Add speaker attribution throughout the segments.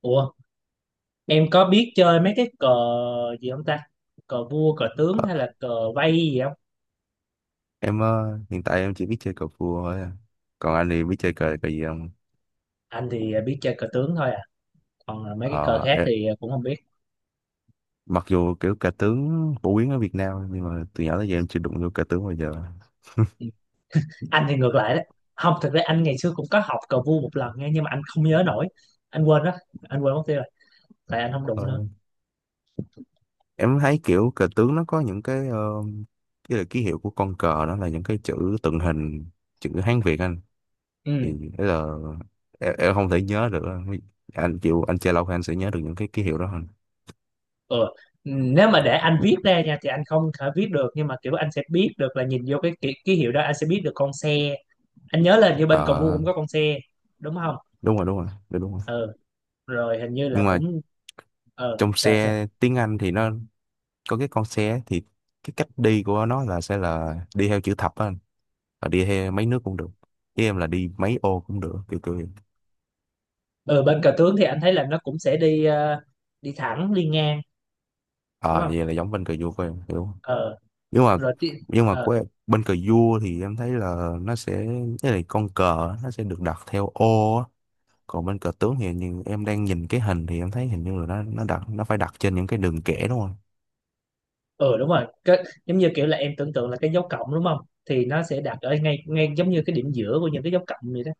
Speaker 1: Ủa, em có biết chơi mấy cái cờ gì không ta? Cờ vua, cờ tướng
Speaker 2: Ờ,
Speaker 1: hay là cờ vây gì không?
Speaker 2: em hiện tại em chỉ biết chơi cờ vua thôi à. Còn anh thì biết chơi cờ cờ gì không?
Speaker 1: Anh thì biết chơi cờ tướng thôi à. Còn là mấy cái cờ
Speaker 2: Ờ,
Speaker 1: khác
Speaker 2: em,
Speaker 1: thì cũng không biết.
Speaker 2: Mặc dù kiểu cờ tướng phổ biến ở Việt Nam nhưng mà từ nhỏ tới giờ em chưa đụng vô cờ tướng bao giờ.
Speaker 1: Anh thì ngược lại đấy. Không, thực ra anh ngày xưa cũng có học cờ vua một lần nha, nhưng mà anh không nhớ nổi. Anh quên đó, anh quên mất tiêu rồi. Tại anh không đụng
Speaker 2: Ờ,
Speaker 1: nữa.
Speaker 2: em thấy kiểu cờ tướng nó có những cái là ký hiệu của con cờ đó là những cái chữ tượng hình chữ Hán Việt anh,
Speaker 1: Ừ,
Speaker 2: thì thế là em không thể nhớ được. Anh chịu anh chơi lâu thì anh sẽ nhớ được những cái ký hiệu đó hơn.
Speaker 1: ừ. Nếu mà để anh viết ra nha thì anh không thể viết được, nhưng mà kiểu anh sẽ biết được là nhìn vô cái ký hiệu đó anh sẽ biết được con xe. Anh nhớ là như bên cờ vua
Speaker 2: Ờ,
Speaker 1: cũng có con xe đúng không.
Speaker 2: đúng rồi, đúng rồi, đúng rồi.
Speaker 1: Ừ, rồi hình như là
Speaker 2: Nhưng mà
Speaker 1: cũng
Speaker 2: trong
Speaker 1: sao sao.
Speaker 2: xe tiếng Anh thì nó có cái con xe, thì cái cách đi của nó là sẽ là đi theo chữ thập á anh, và đi theo mấy nước cũng được, với em là đi mấy ô cũng được kiểu kiểu vậy.
Speaker 1: Ờ, bên cờ tướng thì anh thấy là nó cũng sẽ đi, đi thẳng, đi ngang, đúng
Speaker 2: Ờ
Speaker 1: không.
Speaker 2: vậy là giống bên cờ vua của em hiểu không?
Speaker 1: ờ
Speaker 2: nhưng mà
Speaker 1: rồi ti-
Speaker 2: nhưng mà
Speaker 1: ờ
Speaker 2: của em, bên cờ vua thì em thấy là nó sẽ cái này con cờ á, nó sẽ được đặt theo ô á. Còn bên cờ tướng thì như em đang nhìn cái hình thì em thấy hình như là nó đặt, nó phải đặt trên những cái đường kẻ đúng không.
Speaker 1: ờ Đúng rồi. Cái, giống như kiểu là em tưởng tượng là cái dấu cộng đúng không, thì nó sẽ đặt ở ngay ngay giống như cái điểm giữa của những cái dấu cộng vậy đó.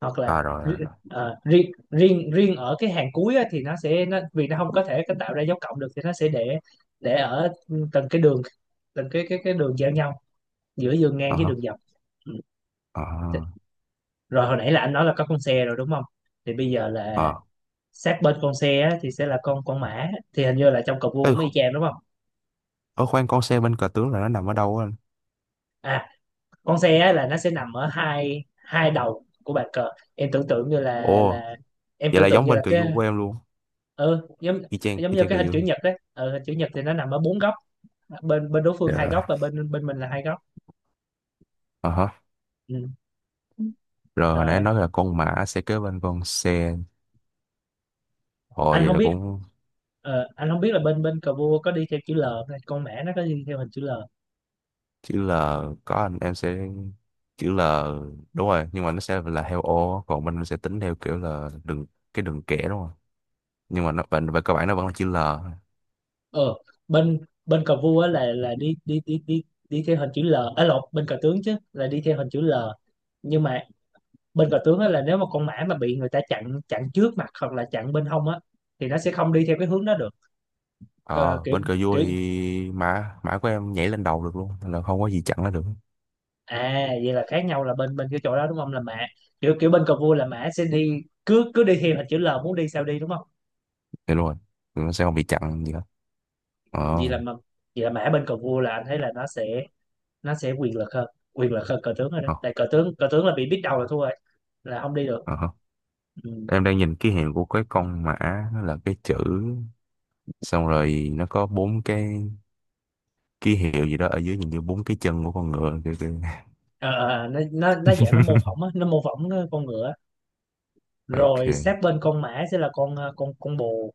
Speaker 1: Hoặc là,
Speaker 2: À rồi rồi
Speaker 1: ri-
Speaker 2: rồi.
Speaker 1: ờ, riêng riêng riêng ở cái hàng cuối á, thì nó, sẽ nó vì nó không có thể cái tạo ra dấu cộng được, thì nó sẽ để ở từng cái đường, từng cái đường giao nhau giữa đường ngang
Speaker 2: Ờ
Speaker 1: với
Speaker 2: hả.
Speaker 1: đường dọc. Ừ.
Speaker 2: Ờ.
Speaker 1: Rồi hồi nãy là anh nói là có con xe rồi đúng không, thì bây giờ là
Speaker 2: Ờ.
Speaker 1: sát bên con xe á, thì sẽ là con mã, thì hình như là trong cờ vua
Speaker 2: Ê,
Speaker 1: cũng y chang đúng không.
Speaker 2: ở khoan, con xe bên cờ tướng là nó nằm ở đâu á anh?
Speaker 1: À, con xe á, là nó sẽ nằm ở hai hai đầu của bàn cờ. Em tưởng tượng như là
Speaker 2: Ồ
Speaker 1: là em
Speaker 2: vậy là
Speaker 1: tưởng tượng
Speaker 2: giống
Speaker 1: như
Speaker 2: bên
Speaker 1: là
Speaker 2: cờ
Speaker 1: cái,
Speaker 2: vua của em luôn,
Speaker 1: ừ, giống
Speaker 2: y chang,
Speaker 1: giống
Speaker 2: y
Speaker 1: như
Speaker 2: chang
Speaker 1: cái
Speaker 2: cờ
Speaker 1: hình
Speaker 2: vua.
Speaker 1: chữ nhật đấy. Ừ, hình chữ nhật thì nó nằm ở bốn góc, bên bên đối phương hai góc
Speaker 2: Dạ.
Speaker 1: và bên bên mình là hai góc.
Speaker 2: Ờ hả.
Speaker 1: Ừ,
Speaker 2: Rồi hồi nãy
Speaker 1: rồi
Speaker 2: nói là con mã sẽ kế bên con xe, hồi
Speaker 1: anh
Speaker 2: vậy
Speaker 1: không
Speaker 2: là
Speaker 1: biết
Speaker 2: cũng
Speaker 1: anh không biết là bên bên cờ vua có đi theo chữ L không ta? Con mã nó có đi theo hình chữ L.
Speaker 2: chữ L. Có anh, em sẽ chữ L, đúng rồi, nhưng mà nó sẽ là theo ô còn mình sẽ tính theo kiểu là cái đường kẻ đúng không, nhưng mà nó về cơ bản nó vẫn là chữ L.
Speaker 1: ờ bên bên cờ vua á là đi, đi đi đi đi theo hình chữ L, à lộn, bên cờ tướng chứ, là đi theo hình chữ L. Nhưng mà bên cờ tướng á là nếu mà con mã mà bị người ta chặn chặn trước mặt hoặc là chặn bên hông á, thì nó sẽ không đi theo cái hướng đó được. Ờ,
Speaker 2: Ờ
Speaker 1: kiểu
Speaker 2: bên cờ vua
Speaker 1: kiểu
Speaker 2: thì mã mã của em nhảy lên đầu được luôn nên là không có gì chặn nó được.
Speaker 1: à vậy là khác nhau là bên bên cái chỗ đó đúng không, là mã. Kiểu kiểu bên cờ vua là mã sẽ đi, cứ cứ đi theo hình chữ L muốn đi sao đi đúng không.
Speaker 2: Thì luôn rồi. Thì nó sẽ không bị chặn gì hết. Ờ.
Speaker 1: Vậy là mà vậy là mã bên cờ vua là anh thấy là nó sẽ quyền lực hơn, quyền lực hơn cờ tướng rồi đó,
Speaker 2: Ờ.
Speaker 1: tại cờ tướng là bị biết đầu là thua rồi, là không đi được.
Speaker 2: Ờ hả.
Speaker 1: Ừ.
Speaker 2: Em đang nhìn ký hiệu của cái con mã, nó là cái chữ, xong rồi nó có bốn cái ký hiệu gì đó ở dưới nhìn như bốn cái chân của con ngựa kiểu kiểu.
Speaker 1: Ờ, ờ, ờ, nó dạng nó mô phỏng á, nó mô phỏng ờ, con ngựa.
Speaker 2: Ok.
Speaker 1: Rồi sát bên con mã sẽ là con bồ.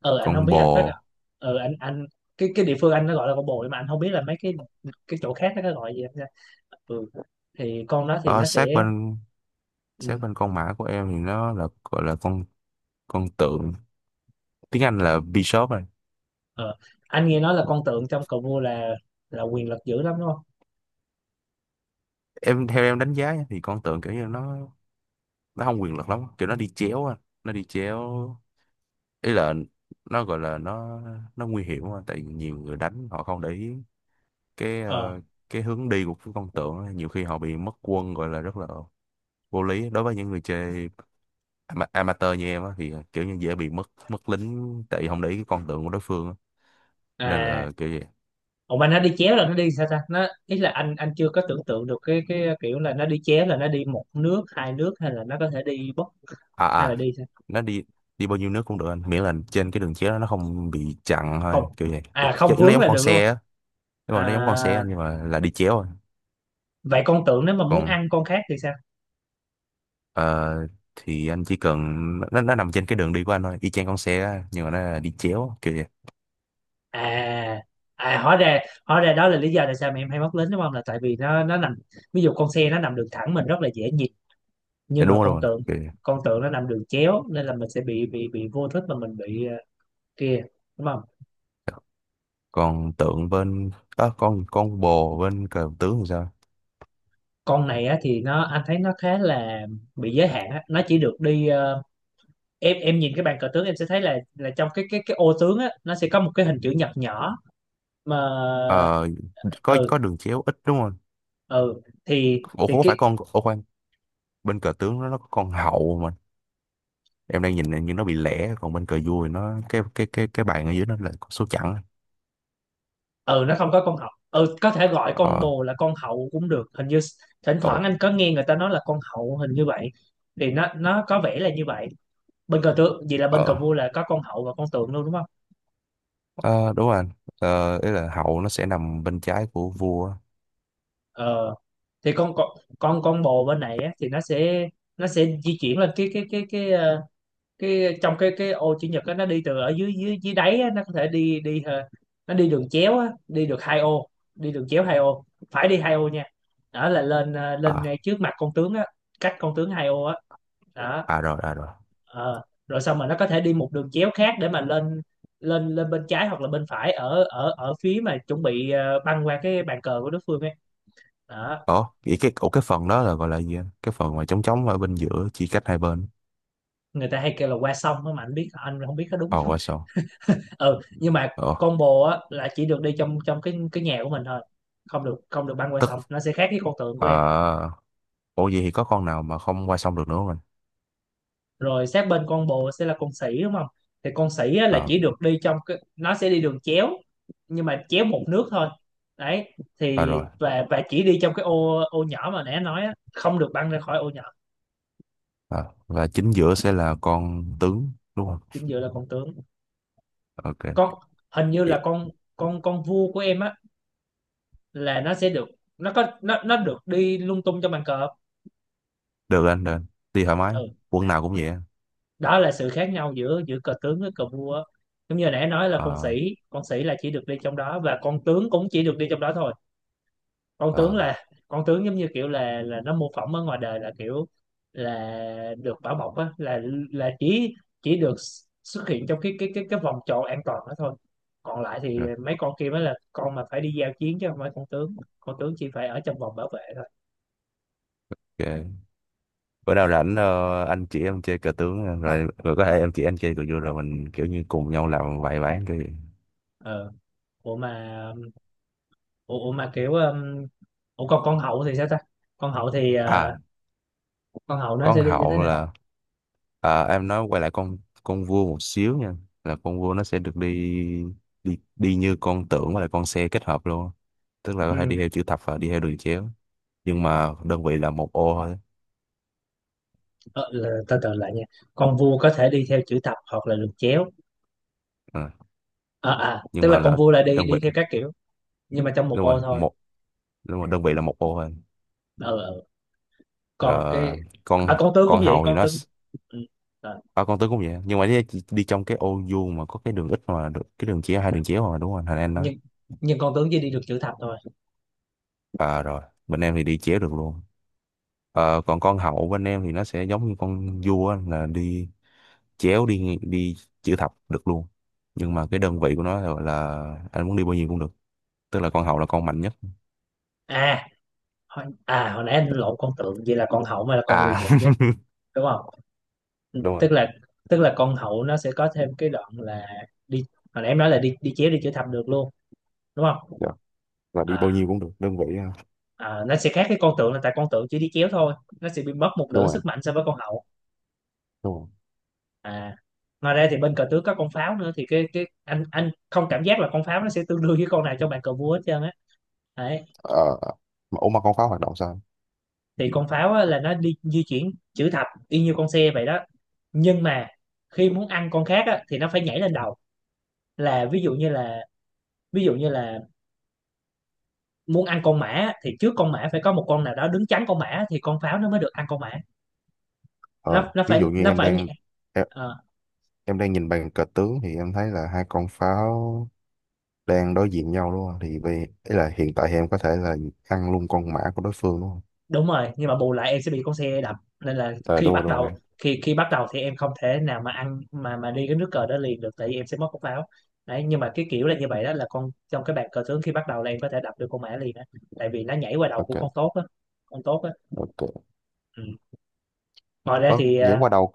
Speaker 1: Ờ anh không
Speaker 2: Con
Speaker 1: biết, anh phát,
Speaker 2: bò.
Speaker 1: anh, cái địa phương anh nó gọi là con bồ, nhưng mà anh không biết là mấy cái chỗ khác nó gọi gì anh nha. Ừ. Thì con đó thì
Speaker 2: Ở
Speaker 1: nó
Speaker 2: sát
Speaker 1: sẽ,
Speaker 2: bên, sát
Speaker 1: ừ,
Speaker 2: bên con mã của em thì nó là gọi là con tượng, tiếng Anh là bishop rồi.
Speaker 1: ờ, anh nghe nói là con tượng trong cờ vua là quyền lực dữ lắm đúng không.
Speaker 2: Em theo em đánh giá nha, thì con tượng kiểu như nó không quyền lực lắm, kiểu nó đi chéo á, nó đi chéo, ý là nó gọi là nó nguy hiểm quá tại vì nhiều người đánh họ không để ý cái
Speaker 1: ờ
Speaker 2: ờ, cái hướng đi của cái con tượng á, nhiều khi họ bị mất quân gọi là rất là vô lý đối với những người chơi amateur như em á thì à, kiểu như dễ bị mất mất lính tại vì không để ý cái con tượng của đối phương á. Nên
Speaker 1: À,
Speaker 2: là kiểu gì.
Speaker 1: ủa mà nó đi chéo là nó đi sao ta, nó ý là anh chưa có tưởng tượng được cái kiểu là nó đi chéo là nó đi một nước, hai nước, hay là nó có thể đi bất,
Speaker 2: À
Speaker 1: hay là
Speaker 2: à,
Speaker 1: đi sao.
Speaker 2: nó đi, đi bao nhiêu nước cũng được anh, miễn là trên cái đường chéo đó nó không bị chặn
Speaker 1: Không,
Speaker 2: thôi kiểu vậy.
Speaker 1: à không,
Speaker 2: Chứ nó
Speaker 1: vướng
Speaker 2: giống
Speaker 1: là
Speaker 2: con
Speaker 1: được luôn.
Speaker 2: xe á, nhưng mà
Speaker 1: À
Speaker 2: nó giống con xe anh nhưng mà là đi chéo thôi.
Speaker 1: vậy con tưởng nếu mà muốn
Speaker 2: Còn
Speaker 1: ăn con khác thì sao.
Speaker 2: ờ, thì anh chỉ cần nó nằm trên cái đường đi của anh thôi, y chang con xe á nhưng mà nó là đi chéo kiểu vậy.
Speaker 1: À à, hóa ra đó là lý do tại sao mà em hay mắc lính đúng không, là tại vì nó nằm, ví dụ con xe nó nằm đường thẳng mình rất là dễ nhìn,
Speaker 2: Dạ,
Speaker 1: nhưng mà
Speaker 2: đúng
Speaker 1: con
Speaker 2: rồi
Speaker 1: tượng
Speaker 2: kiểu vậy.
Speaker 1: con tượng nó nằm đường chéo, nên là mình sẽ bị vô thức mà mình bị, kia, đúng không.
Speaker 2: Còn tượng bên á, con bồ bên cờ tướng thì sao?
Speaker 1: Con này á thì nó anh thấy nó khá là bị giới hạn á, nó chỉ được đi, em nhìn cái bàn cờ tướng em sẽ thấy là trong cái ô tướng á nó sẽ có một cái hình chữ nhật nhỏ mà.
Speaker 2: Ờ,
Speaker 1: Ừ,
Speaker 2: có đường chéo ít đúng không?
Speaker 1: ừ, thì
Speaker 2: Ủa
Speaker 1: thì
Speaker 2: có
Speaker 1: cái,
Speaker 2: phải con, ủa khoan, bên cờ tướng nó có con hậu mà. Em đang nhìn như nó bị lẻ, còn bên cờ vua thì nó cái bàn ở dưới nó là có số chẵn.
Speaker 1: ừ, nó không có con hậu. Ừ, có thể gọi con
Speaker 2: Ờ.
Speaker 1: bồ là con hậu cũng được hình như. Thỉnh
Speaker 2: Ồ.
Speaker 1: thoảng anh có nghe người ta nói là con hậu, hình như vậy, thì nó có vẻ là như vậy. Bên cờ tướng, vậy là bên cờ
Speaker 2: ờ
Speaker 1: vua là có con hậu và con tượng luôn đúng không.
Speaker 2: ờ, Đúng rồi anh. Ờ ý là hậu nó sẽ nằm bên trái của vua.
Speaker 1: Ờ, thì con bồ bên này á, thì nó sẽ di chuyển lên cái, trong cái ô chữ nhật á, nó đi từ ở dưới dưới dưới đáy á, nó có thể đi đi ờ, nó đi đường chéo á, đi được hai ô. Đi đường chéo hai ô, phải đi hai ô nha, đó là lên, lên
Speaker 2: À.
Speaker 1: ngay trước mặt con tướng á, cách con tướng hai ô á, đó.
Speaker 2: À rồi à rồi.
Speaker 1: Ờ. Rồi xong mà nó có thể đi một đường chéo khác để mà lên, lên bên trái hoặc là bên phải ở ở ở phía mà chuẩn bị, băng qua cái bàn cờ của đối phương ấy, đó.
Speaker 2: Ồ vậy cái, ủa cái phần đó là gọi là gì anh? Cái phần mà trống trống ở bên giữa chia cách hai bên.
Speaker 1: Người ta hay kêu là qua sông á mà anh biết, anh không biết có đúng.
Speaker 2: Ờ qua sông.
Speaker 1: Ừ, nhưng mà
Speaker 2: Ờ
Speaker 1: combo á là chỉ được đi trong trong cái nhà của mình thôi, không được, không được băng qua
Speaker 2: tức
Speaker 1: sông, nó sẽ khác với con tượng của em.
Speaker 2: ờ Ủa vậy thì có con nào mà không qua sông được nữa không anh?
Speaker 1: Rồi sát bên con bồ sẽ là con sỉ đúng không, thì con sỉ á, là
Speaker 2: Ờ.
Speaker 1: chỉ được đi trong cái, nó sẽ đi đường chéo, nhưng mà chéo một nước thôi, đấy.
Speaker 2: À
Speaker 1: Thì
Speaker 2: rồi.
Speaker 1: và chỉ đi trong cái ô ô nhỏ mà nãy anh nói á, không được băng ra khỏi ô nhỏ.
Speaker 2: À, và chính giữa sẽ là con tướng đúng không?
Speaker 1: Chính giữa là con tướng.
Speaker 2: Ok.
Speaker 1: con hình như
Speaker 2: Vậy-
Speaker 1: là con con con vua của em á, là nó sẽ được, nó có, nó được đi lung tung trong bàn cờ.
Speaker 2: Được anh, được anh. Đi thoải
Speaker 1: Ừ,
Speaker 2: mái. Quân nào cũng vậy anh.
Speaker 1: đó là sự khác nhau giữa giữa cờ tướng với cờ vua á. Giống như nãy nói là con
Speaker 2: Ờ,
Speaker 1: sĩ con sĩ là chỉ được đi trong đó, và con tướng cũng chỉ được đi trong đó thôi. Con tướng
Speaker 2: ờ,
Speaker 1: là con tướng giống như kiểu là nó mô phỏng ở ngoài đời, là kiểu là được bảo bọc á, là là chỉ chỉ được xuất hiện trong cái vòng tròn an toàn đó thôi. Còn lại thì
Speaker 2: rồi,
Speaker 1: mấy con kia mới là con mà phải đi giao chiến, chứ không phải con tướng. Con tướng chỉ phải ở trong vòng bảo vệ thôi.
Speaker 2: ok. Bữa nào rảnh anh chỉ em chơi cờ tướng rồi rồi có thể em chỉ anh chơi cờ vua rồi mình kiểu như cùng nhau làm vài ván cái gì.
Speaker 1: ờ Ủa mà, ủa, ủa mà kiểu ủa còn con hậu thì sao ta. Con hậu thì
Speaker 2: À,
Speaker 1: ờ, Con hầu nó
Speaker 2: con
Speaker 1: sẽ đi như thế
Speaker 2: hậu
Speaker 1: nào.
Speaker 2: là à, em nói quay lại con vua một xíu nha. Là con vua nó sẽ được đi đi đi như con tượng và là con xe kết hợp luôn. Tức là có thể
Speaker 1: Ừ.
Speaker 2: đi theo chữ thập và đi theo đường chéo. Nhưng mà đơn vị là một ô thôi.
Speaker 1: ờ, là, từ từ lại nha, con vua có thể đi theo chữ thập hoặc là được chéo.
Speaker 2: À,
Speaker 1: À, à,
Speaker 2: nhưng
Speaker 1: tức
Speaker 2: mà
Speaker 1: là con
Speaker 2: là
Speaker 1: vua là đi
Speaker 2: đơn
Speaker 1: đi
Speaker 2: vị,
Speaker 1: theo các kiểu, nhưng mà trong một
Speaker 2: đúng
Speaker 1: ô
Speaker 2: rồi
Speaker 1: thôi.
Speaker 2: đúng rồi, đơn vị là một ô thôi.
Speaker 1: Ờ, ờ. Còn cái,
Speaker 2: Rồi con
Speaker 1: con tướng cũng
Speaker 2: con
Speaker 1: vậy,
Speaker 2: hậu thì
Speaker 1: con tướng. Ừ. Ờ,
Speaker 2: à, con tướng cũng vậy nhưng mà đi trong cái ô vuông mà có cái đường ít mà được cái đường chéo, hai đường chéo mà đúng rồi thành em đó.
Speaker 1: nhưng nhưng con tướng chỉ đi được chữ thập thôi.
Speaker 2: À rồi, bên em thì đi chéo được luôn. Ờ, còn con hậu bên em thì nó sẽ giống như con vua á, là chéo đi chữ thập được luôn, nhưng mà cái đơn vị của nó là, gọi là, anh muốn đi bao nhiêu cũng được, tức là con hậu là con mạnh nhất.
Speaker 1: À hồi, à hồi nãy anh lộn con tượng, vậy là con hậu mới là con
Speaker 2: À
Speaker 1: quyền lực nhất đúng không. Ừ,
Speaker 2: đúng rồi.
Speaker 1: tức là con hậu nó sẽ có thêm cái đoạn là đi, hồi nãy em nói là đi đi chéo, đi chữ thập được luôn, đúng không.
Speaker 2: Dạ. Là đi bao
Speaker 1: À.
Speaker 2: nhiêu cũng được đơn vị ha.
Speaker 1: Ờ, nó sẽ khác với con tượng là tại con tượng chỉ đi chéo thôi, nó sẽ bị mất một
Speaker 2: Đúng
Speaker 1: nửa
Speaker 2: rồi
Speaker 1: sức mạnh so với con hậu.
Speaker 2: đúng rồi.
Speaker 1: À, ngoài ra thì bên cờ tướng có con pháo nữa, thì cái anh không cảm giác là con pháo nó sẽ tương đương với con nào trong bàn cờ vua hết trơn á, đấy.
Speaker 2: Ờ, mà ủa mà con pháo hoạt động sao?
Speaker 1: Thì con pháo á, là nó đi di chuyển chữ thập y như con xe vậy đó, nhưng mà khi muốn ăn con khác á, thì nó phải nhảy lên đầu. Là ví dụ như là, ví dụ như là muốn ăn con mã á, thì trước con mã phải có một con nào đó đứng chắn con mã, thì con pháo nó mới được ăn con mã.
Speaker 2: Ờ,
Speaker 1: nó nó
Speaker 2: ví
Speaker 1: phải
Speaker 2: dụ như
Speaker 1: nó
Speaker 2: em
Speaker 1: phải
Speaker 2: đang, em, em đang nhìn bàn cờ tướng thì em thấy là hai con pháo đang đối diện nhau luôn, thì về ý là hiện tại thì em có thể là ăn luôn con mã của đối phương đúng không?
Speaker 1: Đúng rồi, nhưng mà bù lại em sẽ bị con xe đập, nên là
Speaker 2: Ờ
Speaker 1: khi
Speaker 2: đúng
Speaker 1: bắt
Speaker 2: rồi đúng rồi.
Speaker 1: đầu, khi khi bắt đầu thì em không thể nào mà ăn, mà đi cái nước cờ đó liền được, tại vì em sẽ mất cốc pháo, đấy. Nhưng mà cái kiểu là như vậy đó, là con trong cái bàn cờ tướng khi bắt đầu là em có thể đập được con mã liền á, tại vì nó nhảy qua đầu của
Speaker 2: Ok.
Speaker 1: con tốt á.
Speaker 2: Ok.
Speaker 1: Ừ. Ngoài ra
Speaker 2: Ơ
Speaker 1: thì
Speaker 2: nhảy qua đầu,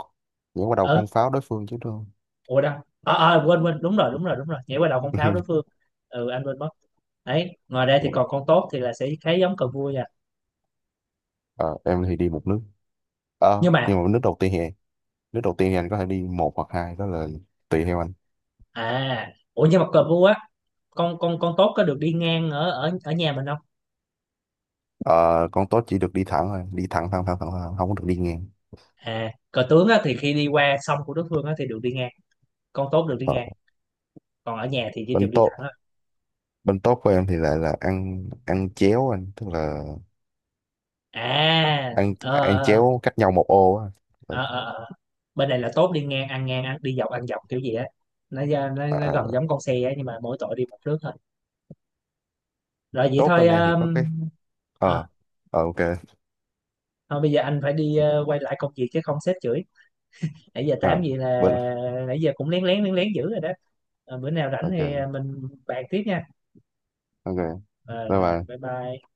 Speaker 2: nhảy qua đầu
Speaker 1: ừ,
Speaker 2: con pháo đối phương chứ đúng không?
Speaker 1: ủa đâu, quên quên đúng rồi, đúng rồi, đúng rồi, nhảy qua đầu con pháo đối phương. Ừ, anh quên mất, đấy. Ngoài ra thì còn con tốt thì là sẽ khá giống cờ vua nha.
Speaker 2: Ờ, em thì đi một nước. Ờ,
Speaker 1: Nhưng mà,
Speaker 2: nhưng mà nước đầu tiên thì nước đầu tiên thì anh có thể đi một hoặc hai, đó là tùy theo anh.
Speaker 1: cờ vua á, con tốt có được đi ngang ở ở ở nhà mình không.
Speaker 2: Ờ, con tốt chỉ được đi thẳng thôi, đi thẳng thẳng thẳng thẳng, thẳng không có được đi ngang.
Speaker 1: À, cờ tướng á, thì khi đi qua sông của đối phương á, thì được đi ngang, con tốt được đi
Speaker 2: Ờ,
Speaker 1: ngang, còn ở nhà thì chỉ
Speaker 2: bên
Speaker 1: được đi
Speaker 2: tốt
Speaker 1: thẳng thôi.
Speaker 2: bên tốt của em thì lại là ăn, ăn chéo anh, tức là
Speaker 1: À,
Speaker 2: ăn
Speaker 1: ờ,
Speaker 2: ăn
Speaker 1: ờ,
Speaker 2: chéo cách nhau một ô á. Ờ,
Speaker 1: ờ, ờ, ờ. Ờ. Bên này là tốt đi ngang ăn ngang, ăn đi dọc ăn dọc kiểu gì á, nó, ra-
Speaker 2: à,
Speaker 1: nó
Speaker 2: à,
Speaker 1: gần giống con xe á, nhưng mà mỗi tội đi một nước thôi. Rồi vậy
Speaker 2: tốt
Speaker 1: thôi.
Speaker 2: bên em thì có cái
Speaker 1: Ờ,
Speaker 2: ờ, ờ ok.
Speaker 1: Thôi bây giờ anh phải đi, quay lại công việc chứ không sếp chửi. Nãy giờ tám
Speaker 2: Ờ,
Speaker 1: gì là,
Speaker 2: bên
Speaker 1: nãy giờ cũng lén lén lén lén dữ rồi đó. Ờ, bữa nào rảnh thì,
Speaker 2: ok
Speaker 1: mình bàn tiếp nha.
Speaker 2: ok
Speaker 1: Ờ,
Speaker 2: bye
Speaker 1: rồi
Speaker 2: bye.
Speaker 1: bye bye.